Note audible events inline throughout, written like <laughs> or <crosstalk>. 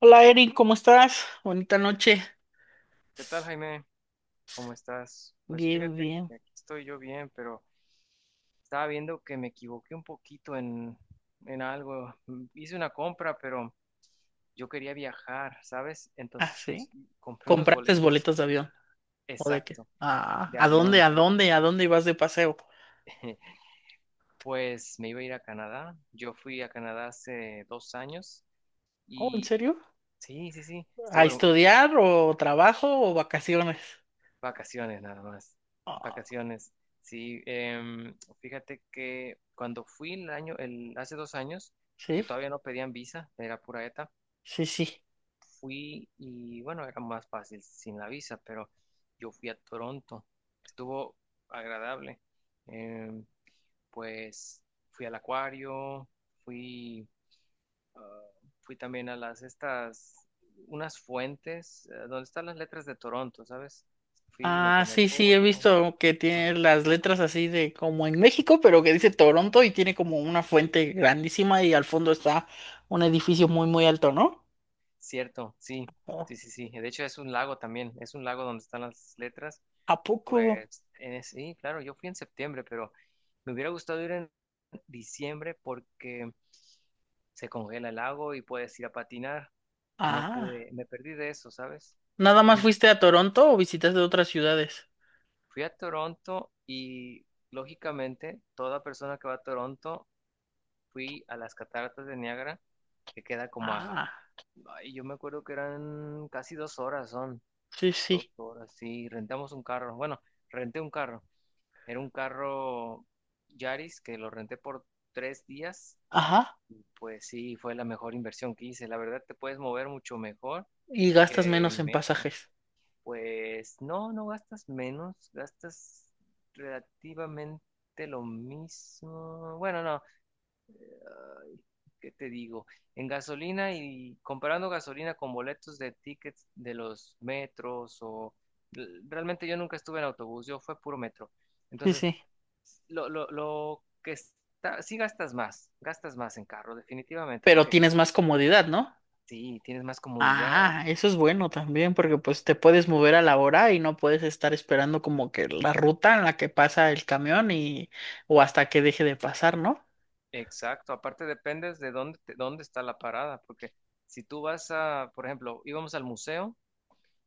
Hola Erin, ¿cómo estás? Bonita noche. ¿Qué tal, Jaime? ¿Cómo estás? Pues Bien, fíjate bien. que aquí estoy yo bien, pero estaba viendo que me equivoqué un poquito en algo. Hice una compra, pero yo quería viajar, ¿sabes? Ah, Entonces sí. Compré unos ¿Compraste boletos, boletos de avión? ¿O de qué? exacto, Ah, de ¿a dónde, avión, a pero dónde, a dónde ibas de paseo? <laughs> pues me iba a ir a Canadá. Yo fui a Canadá hace 2 años Oh, ¿en y serio? sí, sí, sí, ¿A estuvo. estudiar o trabajo o vacaciones? Vacaciones nada más. Ah, Vacaciones. Sí, fíjate que cuando fui hace 2 años, que sí, todavía no pedían visa, era pura ETA, sí, sí. fui y bueno, era más fácil sin la visa, pero yo fui a Toronto. Estuvo agradable. Em, pues fui al acuario, fui, fui también a unas fuentes, donde están las letras de Toronto, ¿sabes? Fui, me Ah, tomé sí, sí, he foto. visto que tiene las letras así de como en México, pero que dice Toronto y tiene como una fuente grandísima y al fondo está un edificio muy, muy alto, ¿no? Cierto, sí, Oh, sí, sí, sí. De hecho, es un lago también, es un lago donde están las letras. ¿a poco? Pues sí, claro, yo fui en septiembre, pero me hubiera gustado ir en diciembre porque se congela el lago y puedes ir a patinar. No Ah. pude, me perdí de eso, ¿sabes? ¿Nada más <laughs> fuiste a Toronto o visitaste otras ciudades? Fui a Toronto y lógicamente toda persona que va a Toronto, fui a las cataratas de Niágara, que queda como a, Ah, ay, yo me acuerdo que eran casi 2 horas son. sí, Dos sí. horas, sí, rentamos un carro. Bueno, renté un carro. Era un carro Yaris que lo renté por 3 días. Ajá. Pues sí, fue la mejor inversión que hice. La verdad, te puedes mover mucho mejor Y gastas que menos en en metro. pasajes. Pues no, no gastas menos, gastas relativamente lo mismo. Bueno, no, ay, ¿qué te digo? En gasolina y comparando gasolina con boletos de tickets de los metros o realmente yo nunca estuve en autobús, yo fue puro metro. Sí, Entonces, sí. lo que está, sí gastas más en carro, definitivamente, Pero porque tienes más comodidad, ¿no? sí, tienes más comodidad. Ah, eso es bueno también, porque pues te puedes mover a la hora y no puedes estar esperando como que la ruta en la que pasa el camión y o hasta que deje de pasar, ¿no? Exacto, aparte dependes de dónde, dónde está la parada, porque si tú vas a, por ejemplo, íbamos al museo.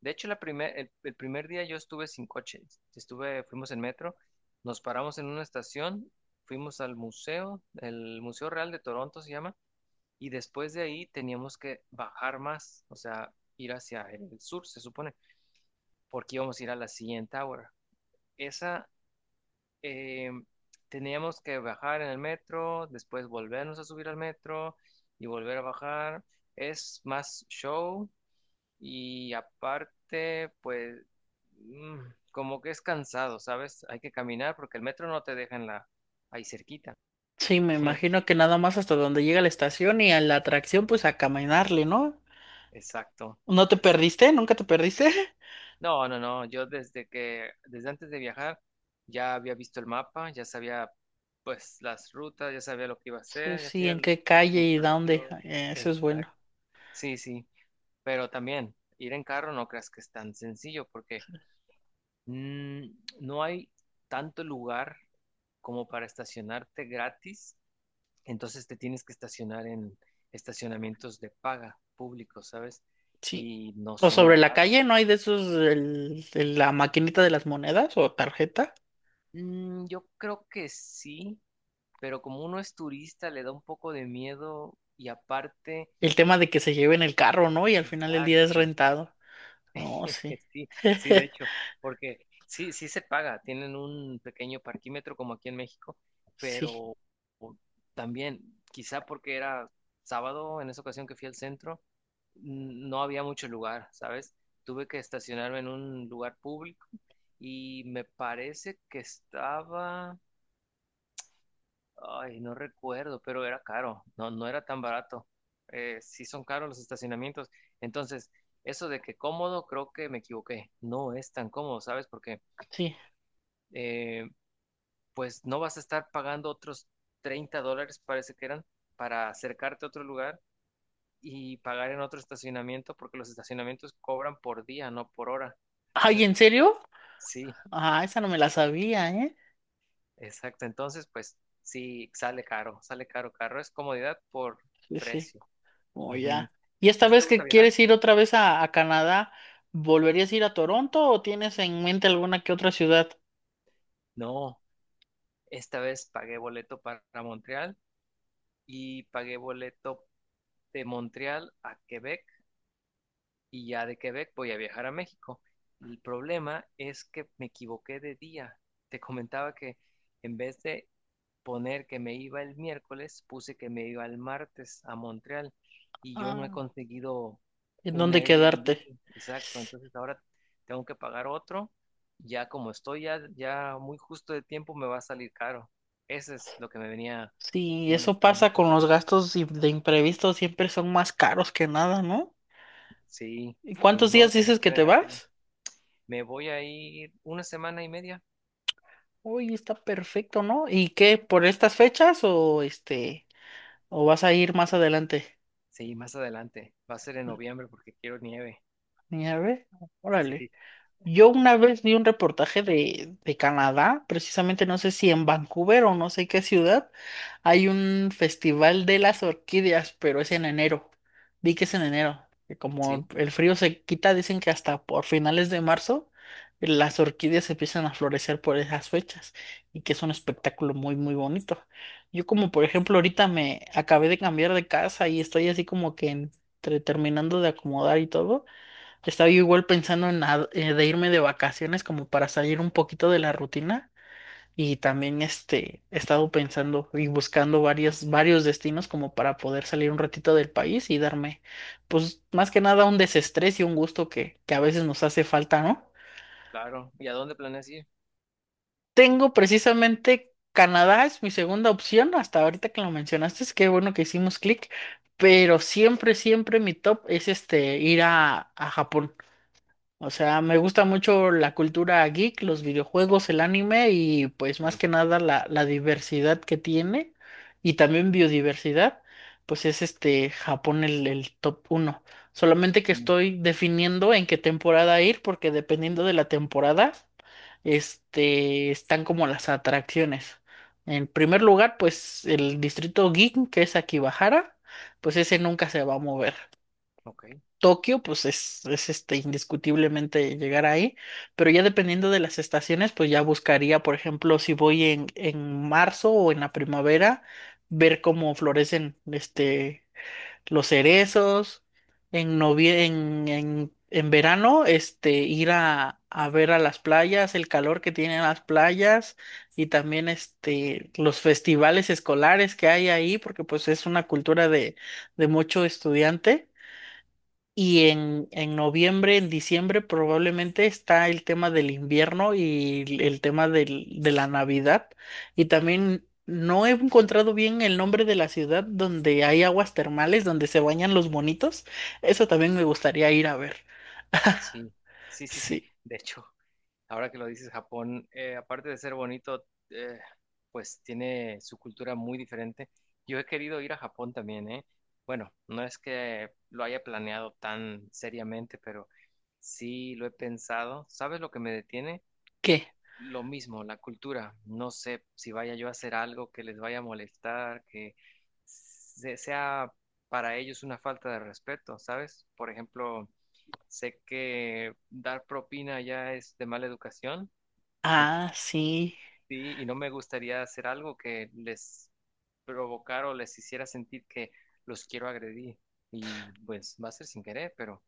De hecho, el primer día yo estuve sin coche. Fuimos en metro, nos paramos en una estación, fuimos al museo, el Museo Real de Toronto se llama, y después de ahí teníamos que bajar más, o sea, ir hacia el sur, se supone, porque íbamos a ir a la siguiente Tower. Esa, eh, teníamos que bajar en el metro, después volvernos a subir al metro y volver a bajar. Es más show, y aparte, pues, mm, como que es cansado, ¿sabes? Hay que caminar porque el metro no te deja en ahí cerquita. Sí, me imagino <laughs> que nada más hasta donde llega la estación y a la atracción, pues a caminarle, ¿no? Exacto, ¿No te exacto. perdiste? ¿Nunca te perdiste? <laughs> No, no, no, yo desde antes de viajar, ya había visto el mapa, ya sabía, pues, las rutas, ya sabía lo que iba a Sí, hacer, ya sí, sabía ¿en el. qué calle y dónde? Exacto, Eso es exacto. bueno. Sí, sí, pero también ir en carro no creas que es tan sencillo porque Mm, no hay tanto lugar como para estacionarte gratis, entonces te tienes que estacionar en estacionamientos de paga públicos, ¿sabes? Sí. Y no O son sobre la baratos. calle, ¿no hay de esos, el, la maquinita de las monedas o tarjeta? Yo creo que sí, pero como uno es turista, le da un poco de miedo y aparte, El tema de que se lleven el carro, ¿no? Y al final el día es exacto. rentado. No, <laughs> sí. Sí, sí, <laughs> de hecho, porque sí, sí se paga, tienen un pequeño parquímetro como aquí en México, Sí, pero o- también, quizá porque era sábado en esa ocasión que fui al centro, no había mucho lugar, ¿sabes? Tuve que estacionarme en un lugar público y me parece que estaba. Ay, no recuerdo, pero era caro, no, no era tan barato. Sí son caros los estacionamientos. Entonces, eso de que cómodo, creo que me equivoqué. No es tan cómodo, ¿sabes? Porque sí. eh, pues no vas a estar pagando otros 30 dólares, parece que eran, para acercarte a otro lugar y pagar en otro estacionamiento, porque los estacionamientos cobran por día, no por hora. Ay, Entonces, ¿en serio? sí, Ah, esa no me la sabía, ¿eh? exacto. Entonces, pues sí, sale caro, caro. Es comodidad por Sí, sí. precio. Oh, Ujú. ya. ¿Y ¿A esta ti te vez gusta que viajar? quieres ir otra vez a Canadá, volverías a ir a Toronto o tienes en mente alguna que otra ciudad? No, esta vez pagué boleto para Montreal y pagué boleto de Montreal a Quebec y ya de Quebec voy a viajar a México. El problema es que me equivoqué de día. Te comentaba que en vez de poner que me iba el miércoles, puse que me iba el martes a Montreal y yo no Ah, he no. conseguido ¿En un dónde quedarte? Airbnb. Exacto. Entonces ahora tengo que pagar otro. Ya como estoy ya, ya muy justo de tiempo, me va a salir caro. Eso es lo que me venía Sí, eso molestando un pasa con los poco. gastos de imprevistos, siempre son más caros que nada, ¿no? Sí, ¿Y y ni cuántos días modo que me dices que quede en te la calle. vas? Me voy a ir una semana y media. Uy, está perfecto, ¿no? ¿Y qué, por estas fechas o o vas a ir más adelante? Sí, más adelante. Va a ser en noviembre porque quiero nieve. Ni a <laughs> órale. Sí, Yo una vez vi un reportaje de Canadá, precisamente no sé si en Vancouver o no sé qué ciudad, hay un festival de las orquídeas, pero es en enero. Vi que es en enero, que como sí, el frío se quita, dicen que hasta por finales de marzo las orquídeas empiezan a florecer por esas fechas y que es un espectáculo muy, muy bonito. Yo como por ejemplo ahorita me acabé de cambiar de casa y estoy así como que entre terminando de acomodar y todo. Estaba yo igual pensando en de irme de vacaciones como para salir un poquito de la rutina y también he estado pensando y buscando varios destinos como para poder salir un ratito del país y darme pues más que nada un desestrés y un gusto que a veces nos hace falta, ¿no? claro. ¿Y a dónde planeas ir? Tengo precisamente Canadá es mi segunda opción, hasta ahorita que lo mencionaste, es qué bueno que hicimos clic, pero siempre mi top es ir a Japón. O sea, me gusta mucho la cultura geek, los videojuegos, el anime y pues más Sí, que nada la, la diversidad que tiene y también biodiversidad, pues es Japón el top uno. Solamente que sí, estoy definiendo en qué temporada ir porque dependiendo de la temporada, están como las atracciones. En primer lugar, pues el distrito geek que es Akibahara, pues ese nunca se va a mover. ok. Tokio, pues es, indiscutiblemente llegar ahí, pero ya dependiendo de las estaciones, pues ya buscaría, por ejemplo, si voy en marzo o en la primavera, ver cómo florecen los cerezos, en, novie en verano, ir a ver a las playas, el calor que tienen las playas y también los festivales escolares que hay ahí, porque pues es una cultura de mucho estudiante. Y en noviembre, en diciembre probablemente está el tema del invierno y el tema de la Navidad. Y también no he encontrado bien el nombre de la ciudad donde hay aguas termales, donde se bañan los bonitos. Eso también me gustaría ir a ver. Sí, sí, sí, sí. Sí. De hecho, <laughs> ahora que lo dices, Japón, aparte de ser bonito, eh, pues tiene su cultura muy diferente. Yo he querido ir a Japón también, ¿eh? Bueno, no es que lo haya planeado tan seriamente, pero sí lo he pensado. ¿Sabes lo que me detiene? ¿Qué? Lo mismo, la cultura. No sé si vaya yo a hacer algo que les vaya a molestar, que sea para ellos una falta de respeto, ¿sabes? Por ejemplo. Sé que dar propina ya es de mala educación, Ah, sí. sí, y no me gustaría hacer algo que les provocara o les hiciera sentir que los quiero agredir. Y pues va a ser sin querer, pero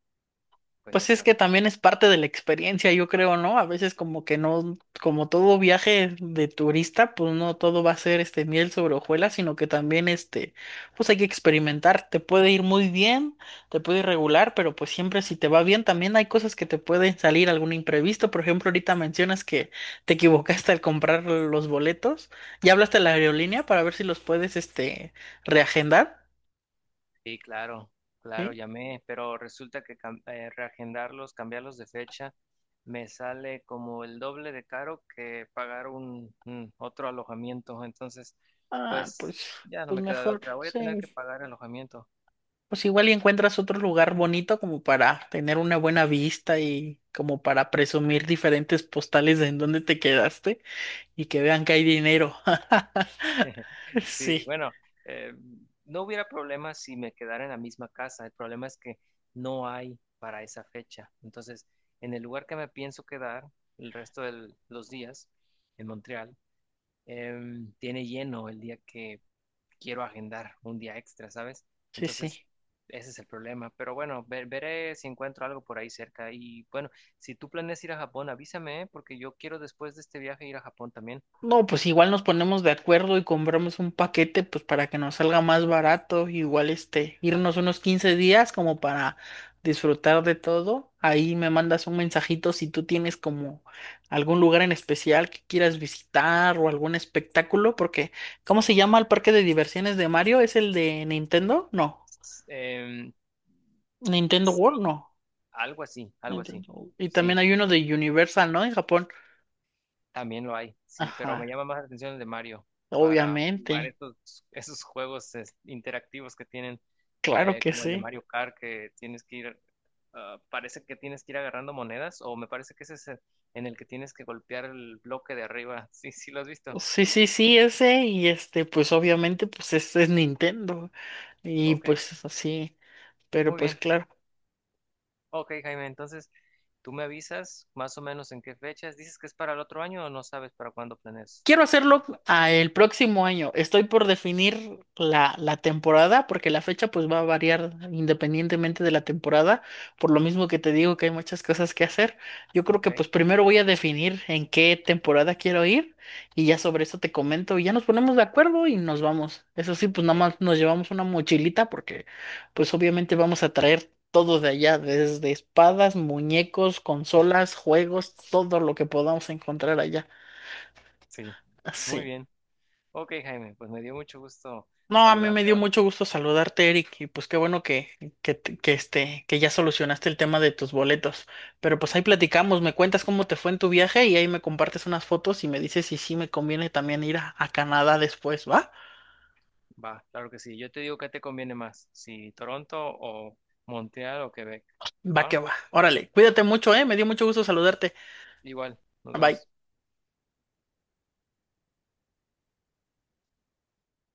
pues ya Pues es que saben. también es parte de la experiencia, yo creo, ¿no? A veces como que no, como todo viaje de turista, pues no todo va a ser miel sobre hojuelas, sino que también pues hay que experimentar. Te puede ir muy bien, te puede ir regular, pero pues siempre si te va bien, también hay cosas que te pueden salir algún imprevisto. Por ejemplo, ahorita mencionas que te equivocaste al comprar los boletos. ¿Ya hablaste a la aerolínea para ver si los puedes reagendar? Sí, claro, claro, ¿Sí? llamé, pero resulta que reagendarlos, cambiarlos de fecha, me sale como el doble de caro que pagar un otro alojamiento. Entonces, Ah, pues pues, ya no pues me queda de mejor, otra. Voy a tener que sí. pagar alojamiento. Pues igual y encuentras otro lugar bonito como para tener una buena vista y como para presumir diferentes postales de en dónde te quedaste y que vean que hay dinero. <laughs> <laughs> Sí, Sí, bueno, eh, no hubiera problema si me quedara en la misma casa. El problema es que no hay para esa fecha. Entonces, en el lugar que me pienso quedar el resto de los días, en Montreal, tiene lleno el día que quiero agendar un día extra, ¿sabes? sí, Entonces, sí. ese es el problema. Pero bueno, veré si encuentro algo por ahí cerca. Y bueno, si tú planeas ir a Japón, avísame, ¿eh? Porque yo quiero después de este viaje ir a Japón también. No, pues igual nos ponemos de acuerdo y compramos un paquete, pues para que nos salga más barato, igual irnos unos 15 días como para disfrutar de todo. Ahí me mandas un mensajito si tú tienes como algún lugar en especial que quieras visitar o algún espectáculo, porque ¿cómo se llama el parque de diversiones de Mario? ¿Es el de Nintendo? No. S- em, Nintendo World, Sí. no. Algo así, algo así. Nintendo- Y también Sí, hay uno de Universal, ¿no? En Japón. también lo hay, sí, pero me Ajá, llama más la atención el de Mario para jugar obviamente. estos esos juegos interactivos que tienen, Claro que como el de sí. Mario Kart, que tienes que ir, ah, parece que tienes que ir agarrando monedas, o me parece que ese es en el que tienes que golpear el bloque de arriba. Sí, sí, lo has visto. Sí, sí, sí, ese, y pues obviamente, pues este es Nintendo. Y Ok, pues así, pero muy pues bien. claro. Ok, Jaime, entonces tú me avisas más o menos en qué fechas. ¿Dices que es para el otro año o no sabes para cuándo planeas? Quiero hacerlo a el próximo año. Estoy por definir la, la temporada porque la fecha pues va a variar independientemente de la temporada, por lo mismo que te digo que hay muchas cosas que hacer. Yo creo Ok, que pues primero voy a definir en qué temporada quiero ir y ya sobre eso te comento y ya nos ponemos de acuerdo y nos vamos. Eso sí, pues nada ok, más nos llevamos una mochilita porque pues obviamente vamos a traer todo de allá, desde espadas, muñecos, consolas, juegos, todo lo que podamos encontrar allá. sí, muy Sí. bien. Ok, Jaime, pues me dio mucho gusto No, a mí me saludarte, dio ¿va? mucho gusto saludarte, Eric, y pues qué bueno que, que ya solucionaste el tema de tus boletos. Pero pues ahí platicamos, me cuentas cómo te fue en tu viaje y ahí me compartes unas fotos y me dices si sí me conviene también ir a Canadá después, ¿va? Va, claro que sí. Yo te digo qué te conviene más, si Toronto o Montreal o Quebec, Va que ¿va? va. Órale, cuídate mucho, ¿eh? Me dio mucho gusto saludarte. Igual, nos Bye. vemos.